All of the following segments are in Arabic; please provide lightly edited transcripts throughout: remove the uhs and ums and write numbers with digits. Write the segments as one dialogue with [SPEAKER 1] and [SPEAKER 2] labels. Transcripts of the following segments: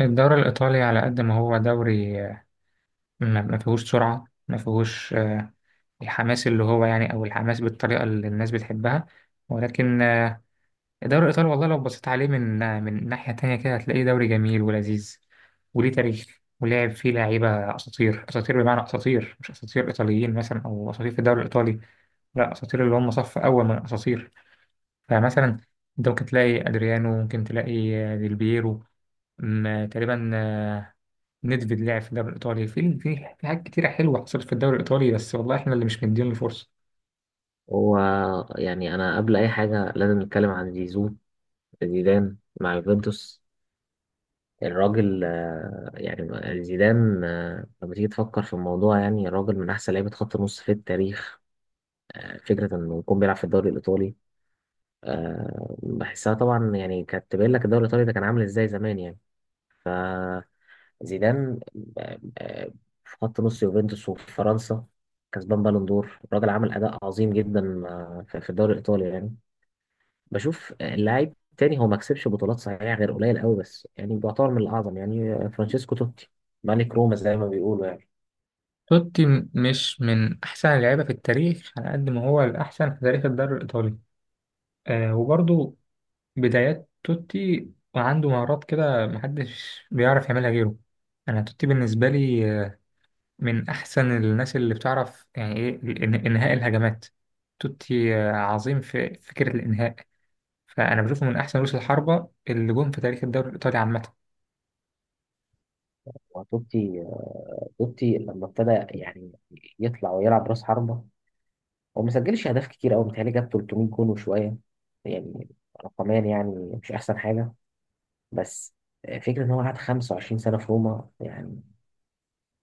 [SPEAKER 1] الدوري الإيطالي على قد ما هو دوري ما فيهوش سرعة ما فيهوش الحماس اللي هو يعني أو الحماس بالطريقة اللي الناس بتحبها. ولكن الدوري الإيطالي والله لو بصيت عليه من من ناحية تانية كده هتلاقيه دوري جميل ولذيذ وليه تاريخ ولعب فيه لعيبة أساطير أساطير، بمعنى أساطير، مش أساطير إيطاليين مثلا أو أساطير في الدوري الإيطالي، لا أساطير اللي هم صف أول من الأساطير. فمثلا أنت ممكن تلاقي أدريانو، ممكن تلاقي ديل بييرو. تقريبا ندفيد لعب في الدوري الإيطالي. في حاجات كتيرة حلوة حصلت في الدوري الإيطالي، بس والله إحنا اللي مش مديين له فرصة.
[SPEAKER 2] هو. يعني أنا قبل أي حاجة لازم نتكلم عن زيزو. زيدان مع يوفنتوس. الراجل يعني زيدان لما تيجي تفكر في الموضوع، يعني الراجل من أحسن لعيبة خط النص في التاريخ. فكرة إنه يكون بيلعب في الدوري الإيطالي، بحسها طبعا. يعني كانت تبين لك الدوري الإيطالي ده كان عامل إزاي زمان يعني. فزيدان آه، آه، في خط نص يوفنتوس وفي فرنسا، كسبان بالون دور. الراجل عمل أداء عظيم جدا في الدوري الإيطالي يعني. بشوف اللاعب تاني، هو ما كسبش بطولات صحيح غير قليل قوي، بس يعني بيعتبر من الاعظم. يعني فرانشيسكو توتي، ملك روما زي ما بيقولوا يعني.
[SPEAKER 1] توتي مش من أحسن اللعيبة في التاريخ على قد ما هو الأحسن في تاريخ الدوري الإيطالي. آه وبرضه بدايات توتي وعنده مهارات كده محدش بيعرف يعملها غيره. أنا توتي بالنسبة لي من أحسن الناس اللي بتعرف يعني إيه إنهاء الهجمات. توتي عظيم في فكرة الإنهاء. فأنا بشوفه من أحسن رؤوس الحربة اللي جم في تاريخ الدوري الإيطالي عامة.
[SPEAKER 2] وتوتي لما ابتدى، يعني يطلع ويلعب راس حربة، هو ما سجلش اهداف كتير قوي، متهيألي جاب 300 جون وشويه. يعني رقميا يعني مش احسن حاجه، بس فكرة إن هو قعد 25 سنة في روما، يعني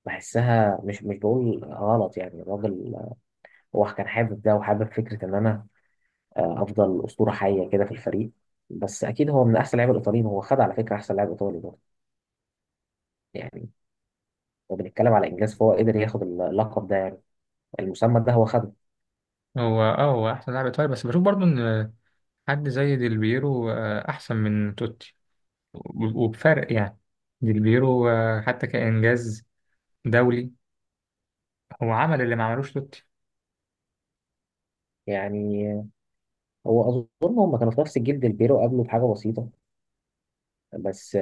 [SPEAKER 2] بحسها مش بقول غلط يعني. الراجل هو كان حابب ده، وحابب فكرة إن أنا افضل اسطوره حيه كده في الفريق. بس اكيد هو من احسن لعيبه الايطاليين. هو خد على فكره احسن لاعب ايطالي برضه. يعني هو بنتكلم على انجاز، فهو قدر ياخد اللقب ده يعني. المسمى ده هو خده.
[SPEAKER 1] هو اه هو احسن لاعب ايطالي، بس بشوف برضو ان حد زي ديل بيرو احسن من توتي وبفرق يعني. ديل بيرو حتى كانجاز دولي هو عمل اللي ما عملوش توتي.
[SPEAKER 2] يعني هو اظن هم كانوا في نفس الجيل، ديل بيرو قبله بحاجه بسيطه، بس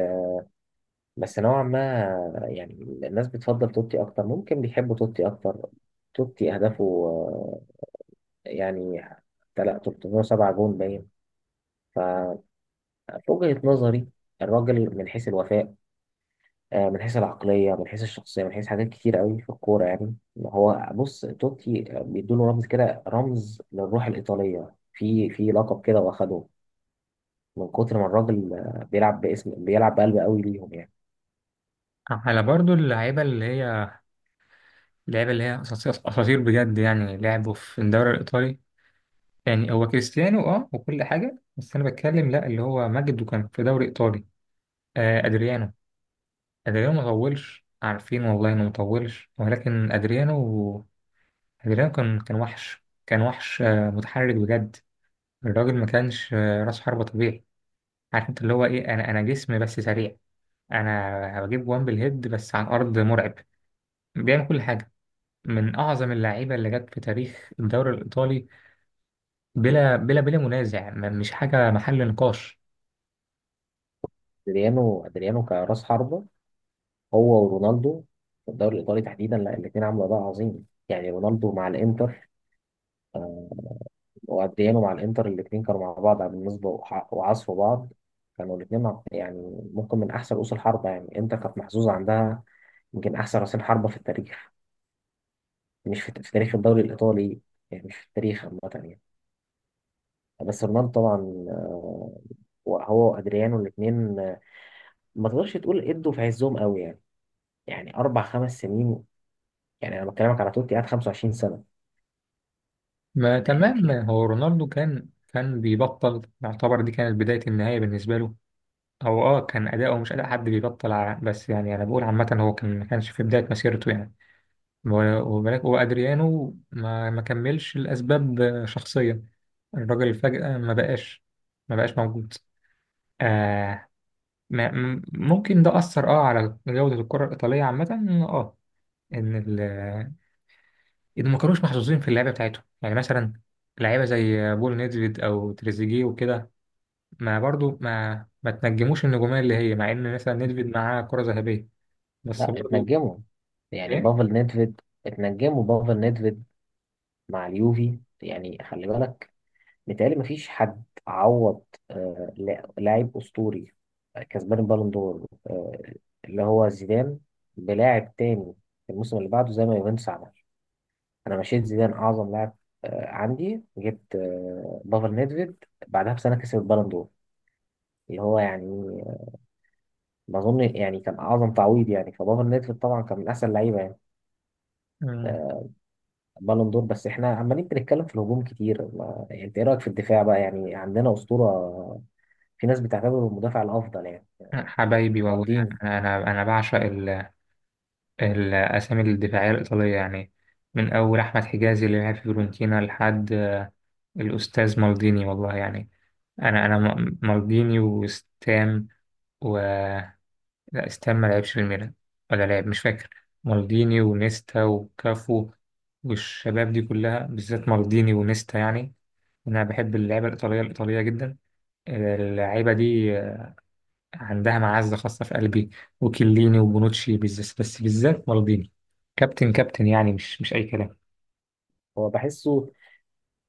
[SPEAKER 2] بس نوعا ما يعني الناس بتفضل توتي اكتر، ممكن بيحبوا توتي اكتر. توتي اهدافه يعني 307 جون باين. في وجهة نظري الراجل من حيث الوفاء، من حيث العقلية، من حيث الشخصية، من حيث حاجات كتير قوي في الكورة يعني. هو بص، توتي بيدوله رمز كده، رمز للروح الإيطالية في لقب كده واخده، من كتر ما الراجل بيلعب باسم، بيلعب بقلب قوي ليهم يعني.
[SPEAKER 1] على برضو اللعيبه اللي هي، اللعيبه اللي هي اساطير أساطير بجد يعني لعبوا في الدوري الايطالي. يعني هو كريستيانو اه وكل حاجه، بس انا بتكلم لا اللي هو ماجد وكان في دوري ايطالي. آه ادريانو، ادريانو ما طولش، عارفين والله انه ما طولش، ولكن ادريانو جيران كان وحش، كان وحش متحرك بجد. الراجل ما كانش راس حربة طبيعي. عارف انت اللي هو ايه، انا جسم بس سريع. انا بجيب وان بالهيد، بس على الارض مرعب، بيعمل كل حاجة. من اعظم اللعيبة اللي جت في تاريخ الدوري الايطالي بلا بلا بلا منازع، مش حاجة محل نقاش.
[SPEAKER 2] ادريانو كراس حربة، هو ورونالدو في الدوري الإيطالي تحديدا، لا الاتنين عملوا أداء عظيم. يعني رونالدو مع الإنتر وقديانو مع الانتر، الاثنين كانوا مع بعض على بالنسبه وعصفوا بعض. كانوا الاثنين يعني ممكن من احسن رؤوس الحربه. يعني انتر كانت محظوظه عندها يمكن احسن رأسين حربة في التاريخ، مش في, تاريخ الدوري الايطالي يعني، مش في التاريخ عامة يعني. بس رونالدو طبعا، آه، هو وادريانو الاثنين ما تقدرش تقول، ادوا في عزهم قوي يعني 4 5 سنين. يعني انا بكلمك على توتي قعد 25 سنة
[SPEAKER 1] ما
[SPEAKER 2] يعني.
[SPEAKER 1] تمام،
[SPEAKER 2] في،
[SPEAKER 1] هو رونالدو كان بيبطل، يعتبر دي كانت بداية النهاية بالنسبة له. هو اه كان اداؤه مش اداء حد بيبطل بس يعني انا بقول عامة هو كان ما كانش في بداية مسيرته يعني. وبالك، وأدريانو ما كملش لأسباب شخصية. الراجل فجأة ما بقاش، ما بقاش موجود. آه، ما ممكن ده أثر اه على جودة الكرة الإيطالية عامة. اه، إن إن ما كانوش محظوظين في اللعبة بتاعتهم. يعني مثلا لعيبة زي بول نيدفيد أو تريزيجيه وكده ما برضو ما تنجموش النجومية اللي هي، مع إن مثلا نيدفيد معاه كرة ذهبية بس
[SPEAKER 2] لا
[SPEAKER 1] برضو.
[SPEAKER 2] اتنجموا. يعني
[SPEAKER 1] إيه.
[SPEAKER 2] بافل نيدفيد اتنجموا. بافل نيدفيد مع اليوفي يعني، خلي بالك، متهيألي مفيش حد عوض لاعب أسطوري كسبان البالون دور اللي هو زيدان، بلاعب تاني في الموسم اللي بعده زي ما يوفنتوس عمل. أنا مشيت زيدان أعظم لاعب عندي، جبت بافل نيدفيد بعدها بسنة كسب البالون دور، اللي هو يعني ما أظن يعني كان أعظم تعويض. يعني فبافل نيدفيد طبعا كان من أحسن اللعيبة يعني،
[SPEAKER 1] مم.
[SPEAKER 2] بالون دور. بس احنا عمالين بنتكلم في الهجوم كتير ما... يعني انت ايه رايك في الدفاع بقى؟ يعني عندنا اسطوره، في ناس بتعتبره المدافع الافضل، يعني
[SPEAKER 1] حبايبي والله.
[SPEAKER 2] مالديني.
[SPEAKER 1] أنا بعشق الأسامي الدفاعية الإيطالية يعني، من أول أحمد حجازي اللي لعب في فيورنتينا لحد الأستاذ مالديني والله يعني. أنا مالديني وستام و، لا ستام ما لعبش في الميلان، ولا لعب مش فاكر. مالديني ونيستا وكافو، والشباب دي كلها بالذات مالديني ونيستا يعني. أنا بحب اللعيبة الإيطالية الإيطالية جدا، اللعيبة دي عندها معزة خاصة في قلبي. وكليني وبونوتشي بالذات، بس بالذات مالديني. كابتن كابتن يعني، مش أي كلام.
[SPEAKER 2] هو بحسه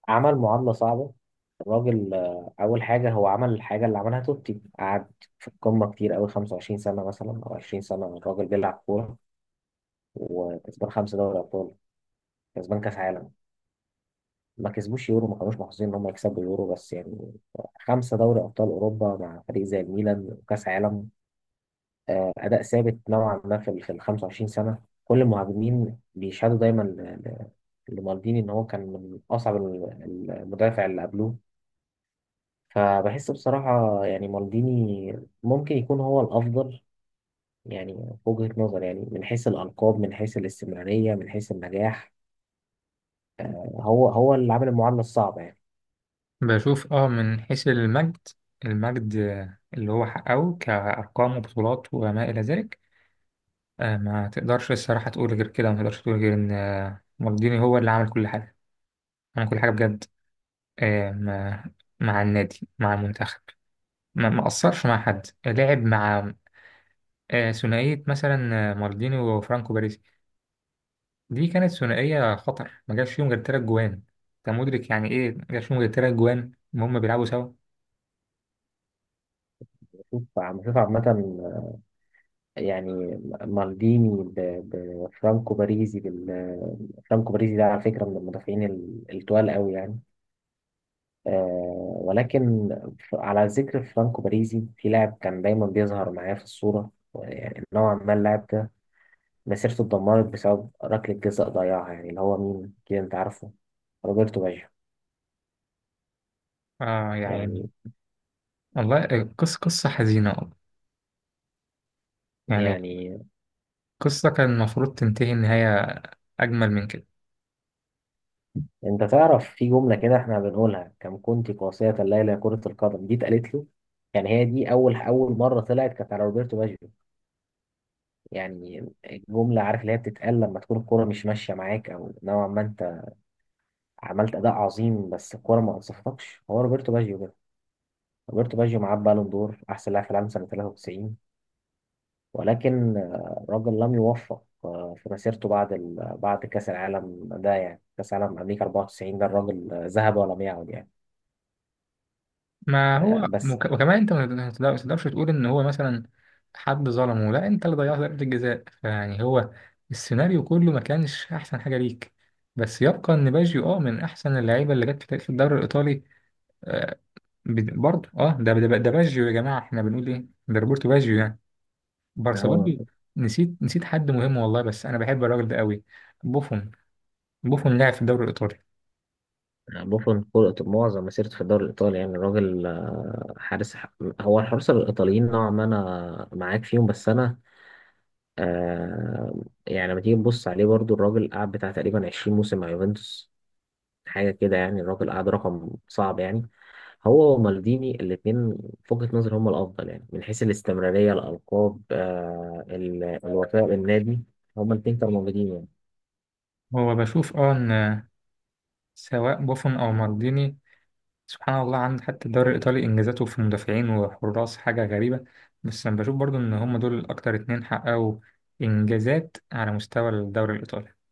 [SPEAKER 2] عمل معادله صعبه. الراجل اول حاجه، هو عمل الحاجه اللي عملها توتي، قعد في القمه كتير قوي، 25 سنه مثلا او 20 سنه الراجل بيلعب كوره، وكسبان خمسه دوري ابطال، كسبان كاس عالم. ما كسبوش يورو، ما كانوش محظوظين ان هم يكسبوا يورو، بس يعني خمسه دوري ابطال اوروبا مع فريق زي الميلان، وكاس عالم. اداء ثابت نوعا ما في ال 25 سنه. كل المهاجمين بيشهدوا دايما لمالديني، ان هو كان من اصعب المدافع اللي قبلوه. فبحس بصراحه يعني مالديني ممكن يكون هو الافضل. يعني في وجهه نظري يعني من حيث الالقاب، من حيث الاستمراريه، من حيث النجاح، هو هو اللي عامل المعادله الصعبه يعني.
[SPEAKER 1] بشوف اه من حيث المجد، المجد اللي هو حققه كأرقام وبطولات وما إلى ذلك. ما تقدرش الصراحة تقول غير كده، ما تقدرش تقول غير إن مالديني هو اللي عمل كل حاجة. عمل كل حاجة بجد. مع، مع النادي مع المنتخب. ما قصرش مع حد. لعب مع ثنائية مثلا مالديني وفرانكو باريس. دي كانت ثنائية خطر. ما جاش فيهم غير تلات جوان. أنت مدرك يعني إيه ما جاش فيهم غير تلات جوان وهم بيلعبوا سوا.
[SPEAKER 2] بشوف عامه يعني، مالديني بفرانكو باريزي، فرانكو باريزي ده على فكره من المدافعين التقال قوي يعني. ولكن على ذكر فرانكو باريزي، في لاعب كان دايما بيظهر معايا في الصورة، يعني نوعا ما، اللاعب ده مسيرته اتدمرت بسبب ركلة جزاء ضيعها، يعني اللي هو مين كده انت عارفه، روبرتو باجيو
[SPEAKER 1] آه يعني،
[SPEAKER 2] يعني
[SPEAKER 1] والله قصة، قصة حزينة والله يعني.
[SPEAKER 2] يعني
[SPEAKER 1] قصة كان المفروض تنتهي نهاية أجمل من كده.
[SPEAKER 2] انت تعرف في جملة كده احنا بنقولها: كم كنت قاسية الليلة يا كرة القدم. دي اتقالت له يعني، هي دي اول اول مرة طلعت كانت على روبرتو باجيو. يعني الجملة، عارف، اللي هي بتتقال لما تكون الكرة مش ماشية معاك، او نوعا ما عملت اداء عظيم بس الكوره ما انصفتكش. هو روبرتو باجيو كده. روبرتو باجيو معاه بالون دور، احسن لاعب في العالم سنه 93. ولكن الراجل لم يوفق في مسيرته، بعد بعد كاس العالم ده، يعني كاس العالم امريكا 94، ده الراجل ذهب ولم يعد يعني.
[SPEAKER 1] ما هو
[SPEAKER 2] بس
[SPEAKER 1] وكمان أنت ما ما تقدرش تقول إن هو مثلا حد ظلمه، لا أنت اللي ضيعت ضربة الجزاء، فيعني هو السيناريو كله ما كانش أحسن حاجة ليك. بس يبقى إن باجيو أه من أحسن اللعيبة اللي جت في تاريخ الدوري الإيطالي. آه، برضه اه ده باجيو يا جماعه، احنا بنقول ايه، ده روبرتو باجيو يعني. بارسا
[SPEAKER 2] هو
[SPEAKER 1] برضه. نسيت، نسيت حد مهم والله بس انا بحب الراجل ده قوي. بوفون. بوفون لعب في الدوري الايطالي.
[SPEAKER 2] بوفون كل معظم مسيرته في الدوري الإيطالي. يعني الراجل حارس. هو الحراس الإيطاليين نوعا ما أنا معاك فيهم، بس أنا آه، يعني لما تيجي تبص عليه برضو، الراجل قعد بتاع تقريبا 20 موسم مع يوفنتوس، حاجة كده. يعني الراجل قعد رقم صعب يعني. هو ومالديني الاتنين، في وجهة نظري هما الأفضل يعني، من حيث الاستمرارية، الألقاب، الوفاء للنادي. هما الاتنين كانوا موجودين يعني.
[SPEAKER 1] هو بشوف اه ان سواء بوفون او مالديني، سبحان الله عنده حتى الدوري الايطالي انجازاته في مدافعين وحراس حاجه غريبه. بس انا بشوف برضه ان هم دول اكتر اتنين حققوا انجازات على مستوى الدوري الايطالي.